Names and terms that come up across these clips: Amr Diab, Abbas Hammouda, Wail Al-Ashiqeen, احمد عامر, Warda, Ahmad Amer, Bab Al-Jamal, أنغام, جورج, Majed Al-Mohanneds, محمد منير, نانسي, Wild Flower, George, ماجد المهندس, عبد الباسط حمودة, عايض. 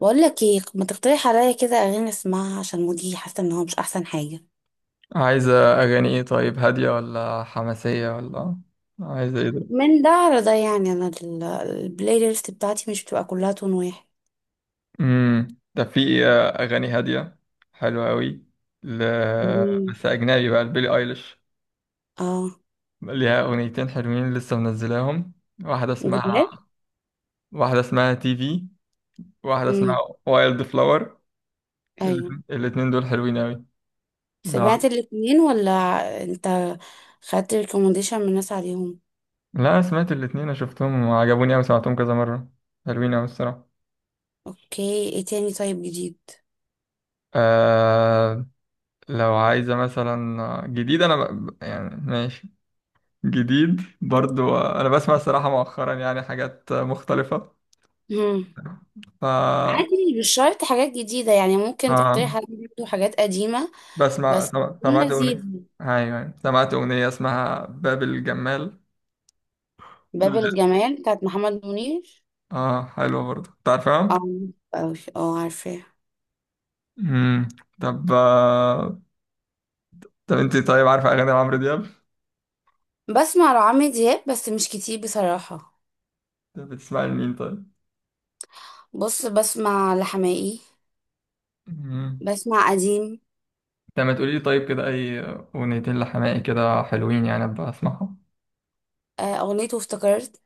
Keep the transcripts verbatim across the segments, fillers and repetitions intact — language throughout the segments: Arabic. بقول لك ايه ما تقترح عليا كده اغاني اسمعها عشان مودي حاسه ان هو مش احسن حاجه عايزة أغاني إيه طيب، هادية ولا حماسية ولا عايزة إيه ده؟ من ده على ده. يعني انا ال- البلاي ليست بتاعتي مش بتبقى كلها تون واحد. مم. ده في آه، أغاني هادية حلوة أوي. ل... مم. بس أجنبي بقى لبيلي أيليش. اه، ليها أغنيتين حلوين لسه منزلاهم. واحدة جداد. اسمها واحدة اسمها تي في. واحدة اسمها امم. وايلد فلاور. ايوه، الاتنين الاتنين دول حلوين أوي. لا، سمعت الاتنين ولا انت خدت ريكومنديشن من الناس عليهم؟ لا، أنا سمعت الاتنين، أنا شفتهم وعجبوني أوي، سمعتهم كذا مرة. حلوين أوي الصراحة. اوكي، ايه تاني طيب جديد؟ آه. لو عايزة مثلا جديد، أنا ب... يعني ماشي. جديد برضو أنا بسمع الصراحة مؤخرا يعني حاجات مختلفة. امم. ف عادي، مش شرط حاجات جديده يعني، ممكن آه تقترح عليا برضه حاجات قديمه بسمع بس سم- تكون سمعت أغنية. لذيذه. أيوة، أيوة. سمعت أغنية اسمها باب الجمال. باب الجمال بتاعت محمد منير. آه حلوة برضو، أنت عارفها؟ اه أوي. اه، عارفاه. مم. طب آه، طب أنت طيب عارفة أغاني عمرو دياب؟ بسمع لعمرو دياب بس مش كتير بصراحة. طب بتسمعي لمين طيب؟ بص، بسمع لحماقي. مم. بسمع قديم. طب ما تقولي لي طيب كده، أي أغنيتين لحماقي كده حلوين يعني أبقى أسمعهم. آه، أغنيته افتكرت،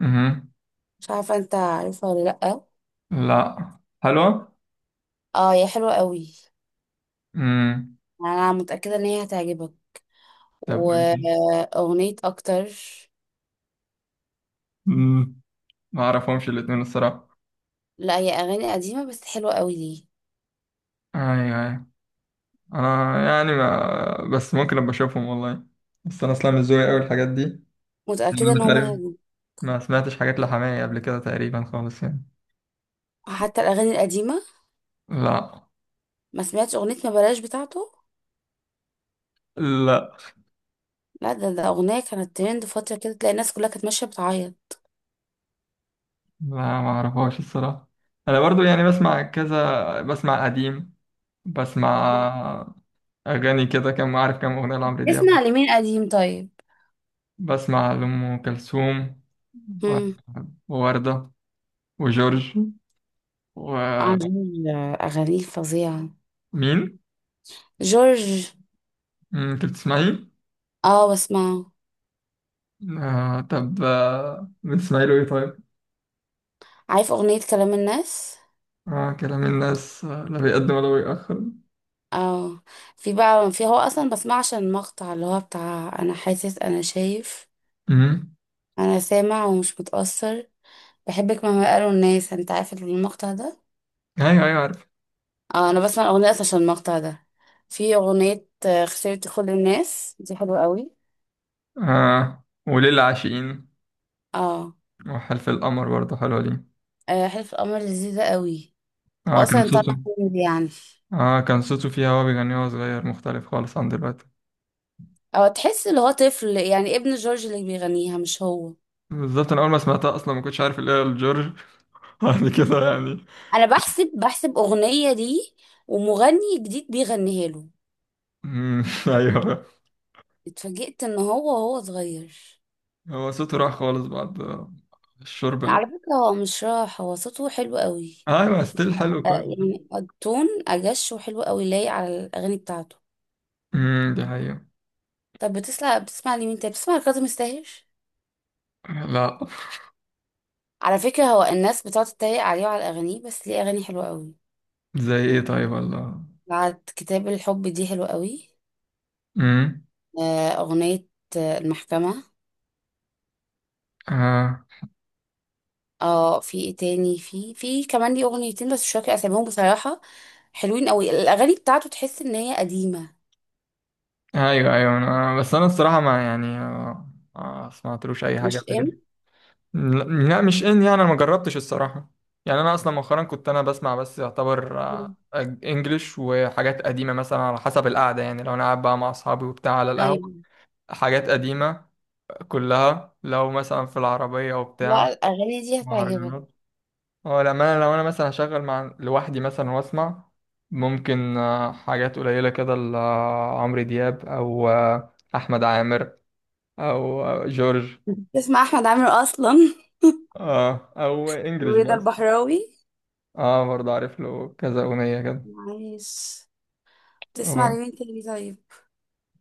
مهم. مش عارفة انت عارفها ولا لأ. لا. حلوة. اه، هي حلوة قوي. امم. أنا متأكدة إن هي هتعجبك. طب وايه تاني؟ وأغنية أكتر. مم. ما اعرفهمش الاتنين الصراحة. لا، هي أغاني قديمة بس حلوة قوي ليه. ايوه، ايوه، انا يعني ما بس ممكن ابقى اشوفهم والله. بس انا اصلا مش ذوقي اوي الحاجات دي يعني. متأكدة انا إن مش هما عارف، هيعجبوك. ما سمعتش حاجات لحماية قبل كده تقريبا خالص يعني. حتى الأغاني القديمة، لا. ما سمعتش أغنية ما بلاش بتاعته؟ لا، لا، ده ده أغنية كانت ترند فترة كده، تلاقي الناس كلها كانت ماشية بتعيط. لا، ما اعرفهاش الصراحة. انا برضو يعني بسمع كذا، بسمع قديم. بسمع اغاني كده، كم عارف كم اغنية لعمرو دياب. نسمع لمين قديم طيب؟ بسمع لأم كلثوم و- مم. ووردة، وجورج، ومين؟ عجيب، أغانيه فظيعة. جورج. مم، أنت بتسمعي؟ اه بسمعه. آه طب آه، بتسمعي له إيه طيب؟ عارف أغنية كلام الناس؟ آه كلام الناس، آه، لا بيقدم ولا بيأخر. اه. في بقى في هو أصلا بسمعه عشان المقطع اللي هو بتاع أنا حاسس، أنا شايف، مم. أنا سامع ومش متأثر، بحبك مهما قالوا الناس. أنت عارف المقطع ده. أيوه، أيوه، عارف. اه، أنا بسمع الأغنية أصلا عشان المقطع ده. في أغنية آه، خسرت كل الناس، دي حلوة قوي. آه وليل العاشقين، اه، وحلف القمر برضه حلوة دي. آه، حلف القمر لذيذة قوي. آه كان وأصلا صوته. طلع كوميدي يعني. آه كان صوته فيها وهو بيغني وهو صغير مختلف خالص عن دلوقتي. اه، تحس اللي هو طفل يعني، ابن جورج اللي بيغنيها مش هو. بالظبط، أنا أول ما سمعتها أصلا ما كنتش عارف اللي هي الجورج. بعد كده يعني. انا بحسب بحسب اغنية دي، ومغني جديد بيغنيها له. مم، أيوه. اتفاجئت ان هو هو صغير. هو صوته راح خالص بعد الشرب لا، اللي... على فكرة هو مش راح، هو صوته حلو قوي. ايوه، ستيل حلو آه، كويس. يعني التون اجش وحلو قوي، لايق على الاغاني بتاعته. امم، دي حقيقة. طب بتسمع بتسمع لمين تاني؟ بتسمع لكاظم الساهر؟ لا. على فكرة، هو الناس بتقعد تتريق عليه وعلى اغانيه بس ليه اغاني حلوة قوي. زي ايه طيب ولا... بعد كتاب الحب دي حلوة قوي. امم. آه، اغنية آه، المحكمة. آه. اه، في ايه تاني؟ في في كمان ليه اغنيتين بس مش فاكره اساميهم بصراحه. حلوين قوي الاغاني بتاعته، تحس ان هي قديمه. ايوه، ايوه، انا بس انا الصراحة ما يعني آه، ما سمعتلوش اي حاجة مش قبل كده. ام لا، لا، مش ان يعني انا ما جربتش الصراحة. يعني انا اصلا مؤخرا كنت انا بسمع بس يعتبر آه، مم. انجليش وحاجات قديمة، مثلا على حسب القعدة، يعني لو انا قاعد بقى مع اصحابي وبتاع على القهوة. ايوه. حاجات قديمة كلها، لو مثلا في العربية وبتاع. لا، الاغاني دي هتعجبك. مهرجانات. هو لما انا لو انا مثلا هشغل مع لوحدي مثلا واسمع، ممكن آه، حاجات قليله كده لعمرو دياب، او آه، احمد عامر، او آه، جورج. تسمع احمد عامر اصلا؟ اه، او انجلش ورضا بس. البحراوي. اه برضه عارف له كذا اغنيه كده. معلش. تسمع آه، لمين تاني طيب؟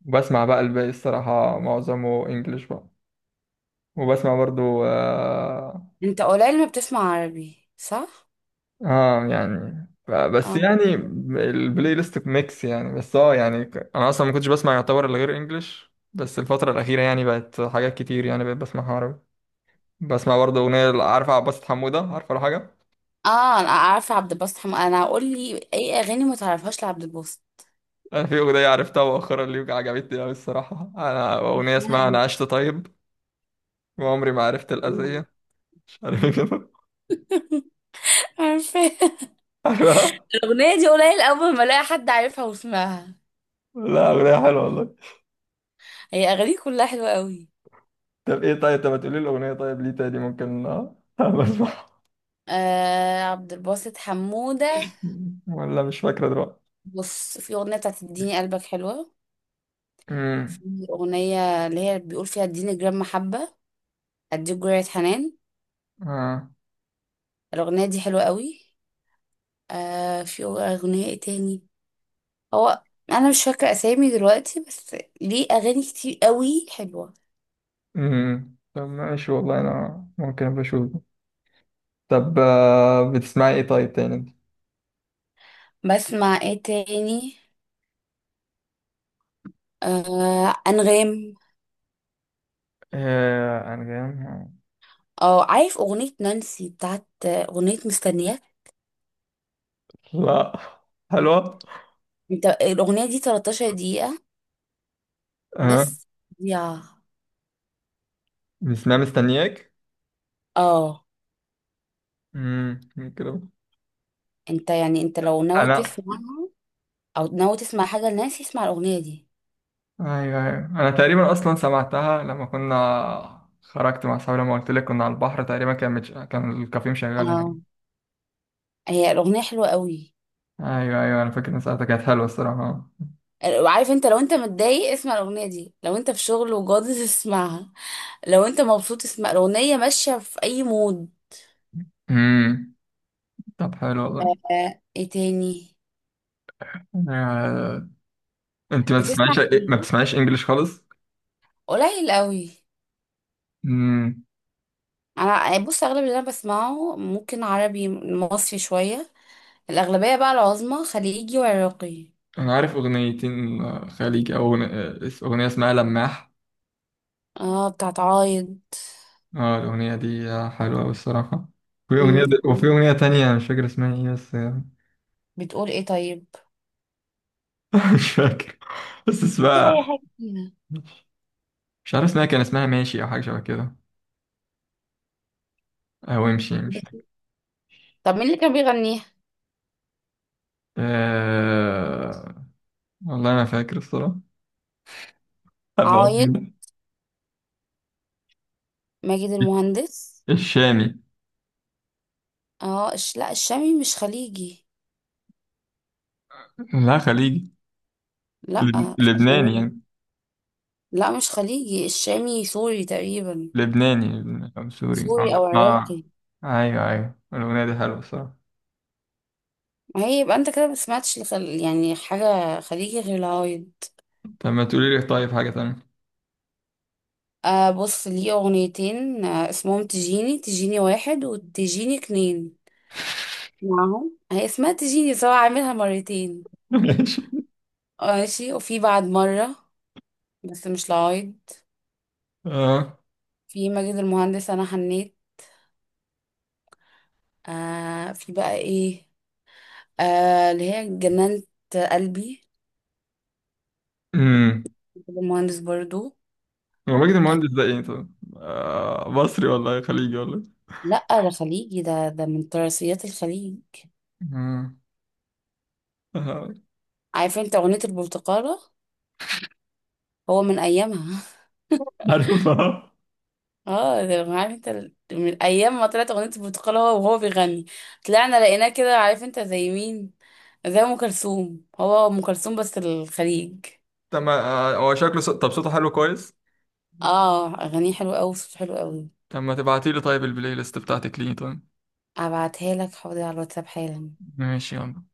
وبسمع بقى الباقي الصراحه معظمه انجلش بقى. وبسمع برضه آه، انت قليل ما بتسمع عربي، صح؟ اه يعني ف- بس اه. يعني البلاي ليست ميكس يعني، بس اه يعني ك- انا اصلا ما كنتش بسمع يعتبر الا غير انجلش، بس الفتره الاخيره يعني بقت حاجات كتير يعني بقيت بسمعها عربي. بسمع برضه اغنيه، عارفه عباس حموده، عارفه ولا حاجه. اه، انا عارفه عبد الباسط حم... انا اقول لي اي اغاني ما تعرفهاش لعبد الباسط. انا في اغنيه عرفتها مؤخرا اللي عجبتني قوي الصراحه، انا اغنيه اسمها اسمها انا ايه؟ عشت طيب وعمري ما عرفت الاذيه، مش عارف ايه كده. عارفه. عارفها. الأغنية دي قليل أول ما ألاقي حد عارفها وسمعها. لا اغنيه حلوه والله. هي أغانيه كلها حلوة قوي. طب ايه طيب، طب ما تقولي الاغنيه طيب ليه تاني ممكن آه، بسمعها آه، عبد الباسط حمودة. ولا مش فاكره دلوقتي. بص، في أغنية بتاعت اديني قلبك حلوة. في مم. أغنية اللي هي بيقول فيها اديني جرام محبة، اديك جرعة حنان. آه. الأغنية دي حلوة قوي. آه في أغنية ايه تاني؟ هو، أنا مش فاكرة أسامي دلوقتي، بس ليه أغاني كتير قوي حلوة. امم. طب ماشي والله، انا ممكن ابقى اشوفه. طب آه، بتسمعي ايه طيب تاني انت؟ بسمع ايه تاني؟ آه أنغام. آه انا جاي. اه، عارف أغنية نانسي بتاعت، أغنية مستنياك؟ لا. حلوة. انت الاغنيه دي تلتاشر دقيقه. اه بس يا بتسمعي مستنياك. اه امم، كده. انت يعني، انت لو ناوي انا... تسمعها او ناوي تسمع حاجه لناس، اسمع الاغنيه دي. ايوه، ايوه، انا تقريبا اصلا سمعتها لما كنا خرجت مع صحابي، لما قلت لك كنا على البحر تقريبا، كان متش... كان الكافيه مشغل هناك. اه، هي الاغنيه حلوه قوي. ايوه، ايوه، انا فاكر ان ساعتها كانت حلوه الصراحه. وعارف، انت لو انت متضايق اسمع الاغنيه دي، لو انت في شغل وجاضي اسمعها، لو انت مبسوط اسمع الاغنيه، ماشيه في اي مود. امم. طب حلو والله. آه، ايه تاني؟ آه... انت ما بتسمع بتسمعيش. ما خليجي؟ بتسمعيش انجليش خالص. قليل قوي. امم. انا يعني بص، اغلب اللي انا بسمعه ممكن عربي مصري شويه، الاغلبيه بقى العظمى خليجي وعراقي. انا عارف اغنيتين آه، خليجي، او أغنية، اغنيه اسمها لماح. اه، بتاعت عايض. اه الاغنيه دي آه، حلوه أوي الصراحه. وفي اغنيه مم. د- وفي اغنيه تانية أنا مش فاكر اسمها ايه، بس آه، بتقول ايه طيب؟ مش فاكر بس ممكن اسمها. اي حاجة فيها. مش عارف اسمها، كان اسمها ماشي او حاجه شبه كده، او امشي امشي. إيه؟ طب مين اللي كان بيغنيها؟ أه... والله ما فاكر الصراحه، أبقى أقول عايض؟ لك. ماجد المهندس؟ الشامي. اه، الش... لا، الشامي مش خليجي. لا خليجي. لا لب- لبناني الشامي. يعني. لا، مش خليجي، الشامي سوري تقريبا. لبناني، لبناني. او سوري سوري اه او عراقي. آه. ايوه، ايوه، الاغنيه دي حلوه الصراحه. ما هي يبقى انت كده ما سمعتش لخل... يعني حاجه خليجي غير العايض. طب ما تقولي لي طيب حاجة تانية. آه بص ليه اغنيتين. آه اسمهم تجيني تجيني واحد وتجيني اتنين، معاهم. هي اسمها تجيني سواء، عاملها مرتين. ماشي. ماشي وفي بعد مرة بس مش لعايض. اه. في ماجد المهندس أنا حنيت. آه في بقى إيه؟ آه اللي هي جنانة قلبي، امم. ماجد المهندس برضو. هو ماجد آه المهندس ده ايه طب؟ آه مصري ولا إيه؟ خليجي ولا إيه؟ لأ، ده خليجي، ده ده من تراثيات الخليج. آه. آه. عارفة انت أغنية البرتقالة؟ هو من أيامها. عارفها. اه، ده عارف انت ال- من أيام ما طلعت أغنية البرتقالة هو وهو بيغني، طلعنا لقيناه كده. عارف انت زي مين؟ زي أم كلثوم، هو أم كلثوم بس الخليج. طب ما... آه، هو شكله ص... طب صوته حلو كويس. اه، اغانيه حلوه قوي، صوته حلو قوي. طب ما تبعتي لي طيب البلاي ليست بتاعتك ليه طيب. ابعتها لك حاضر على الواتساب حالا. ماشي يلا.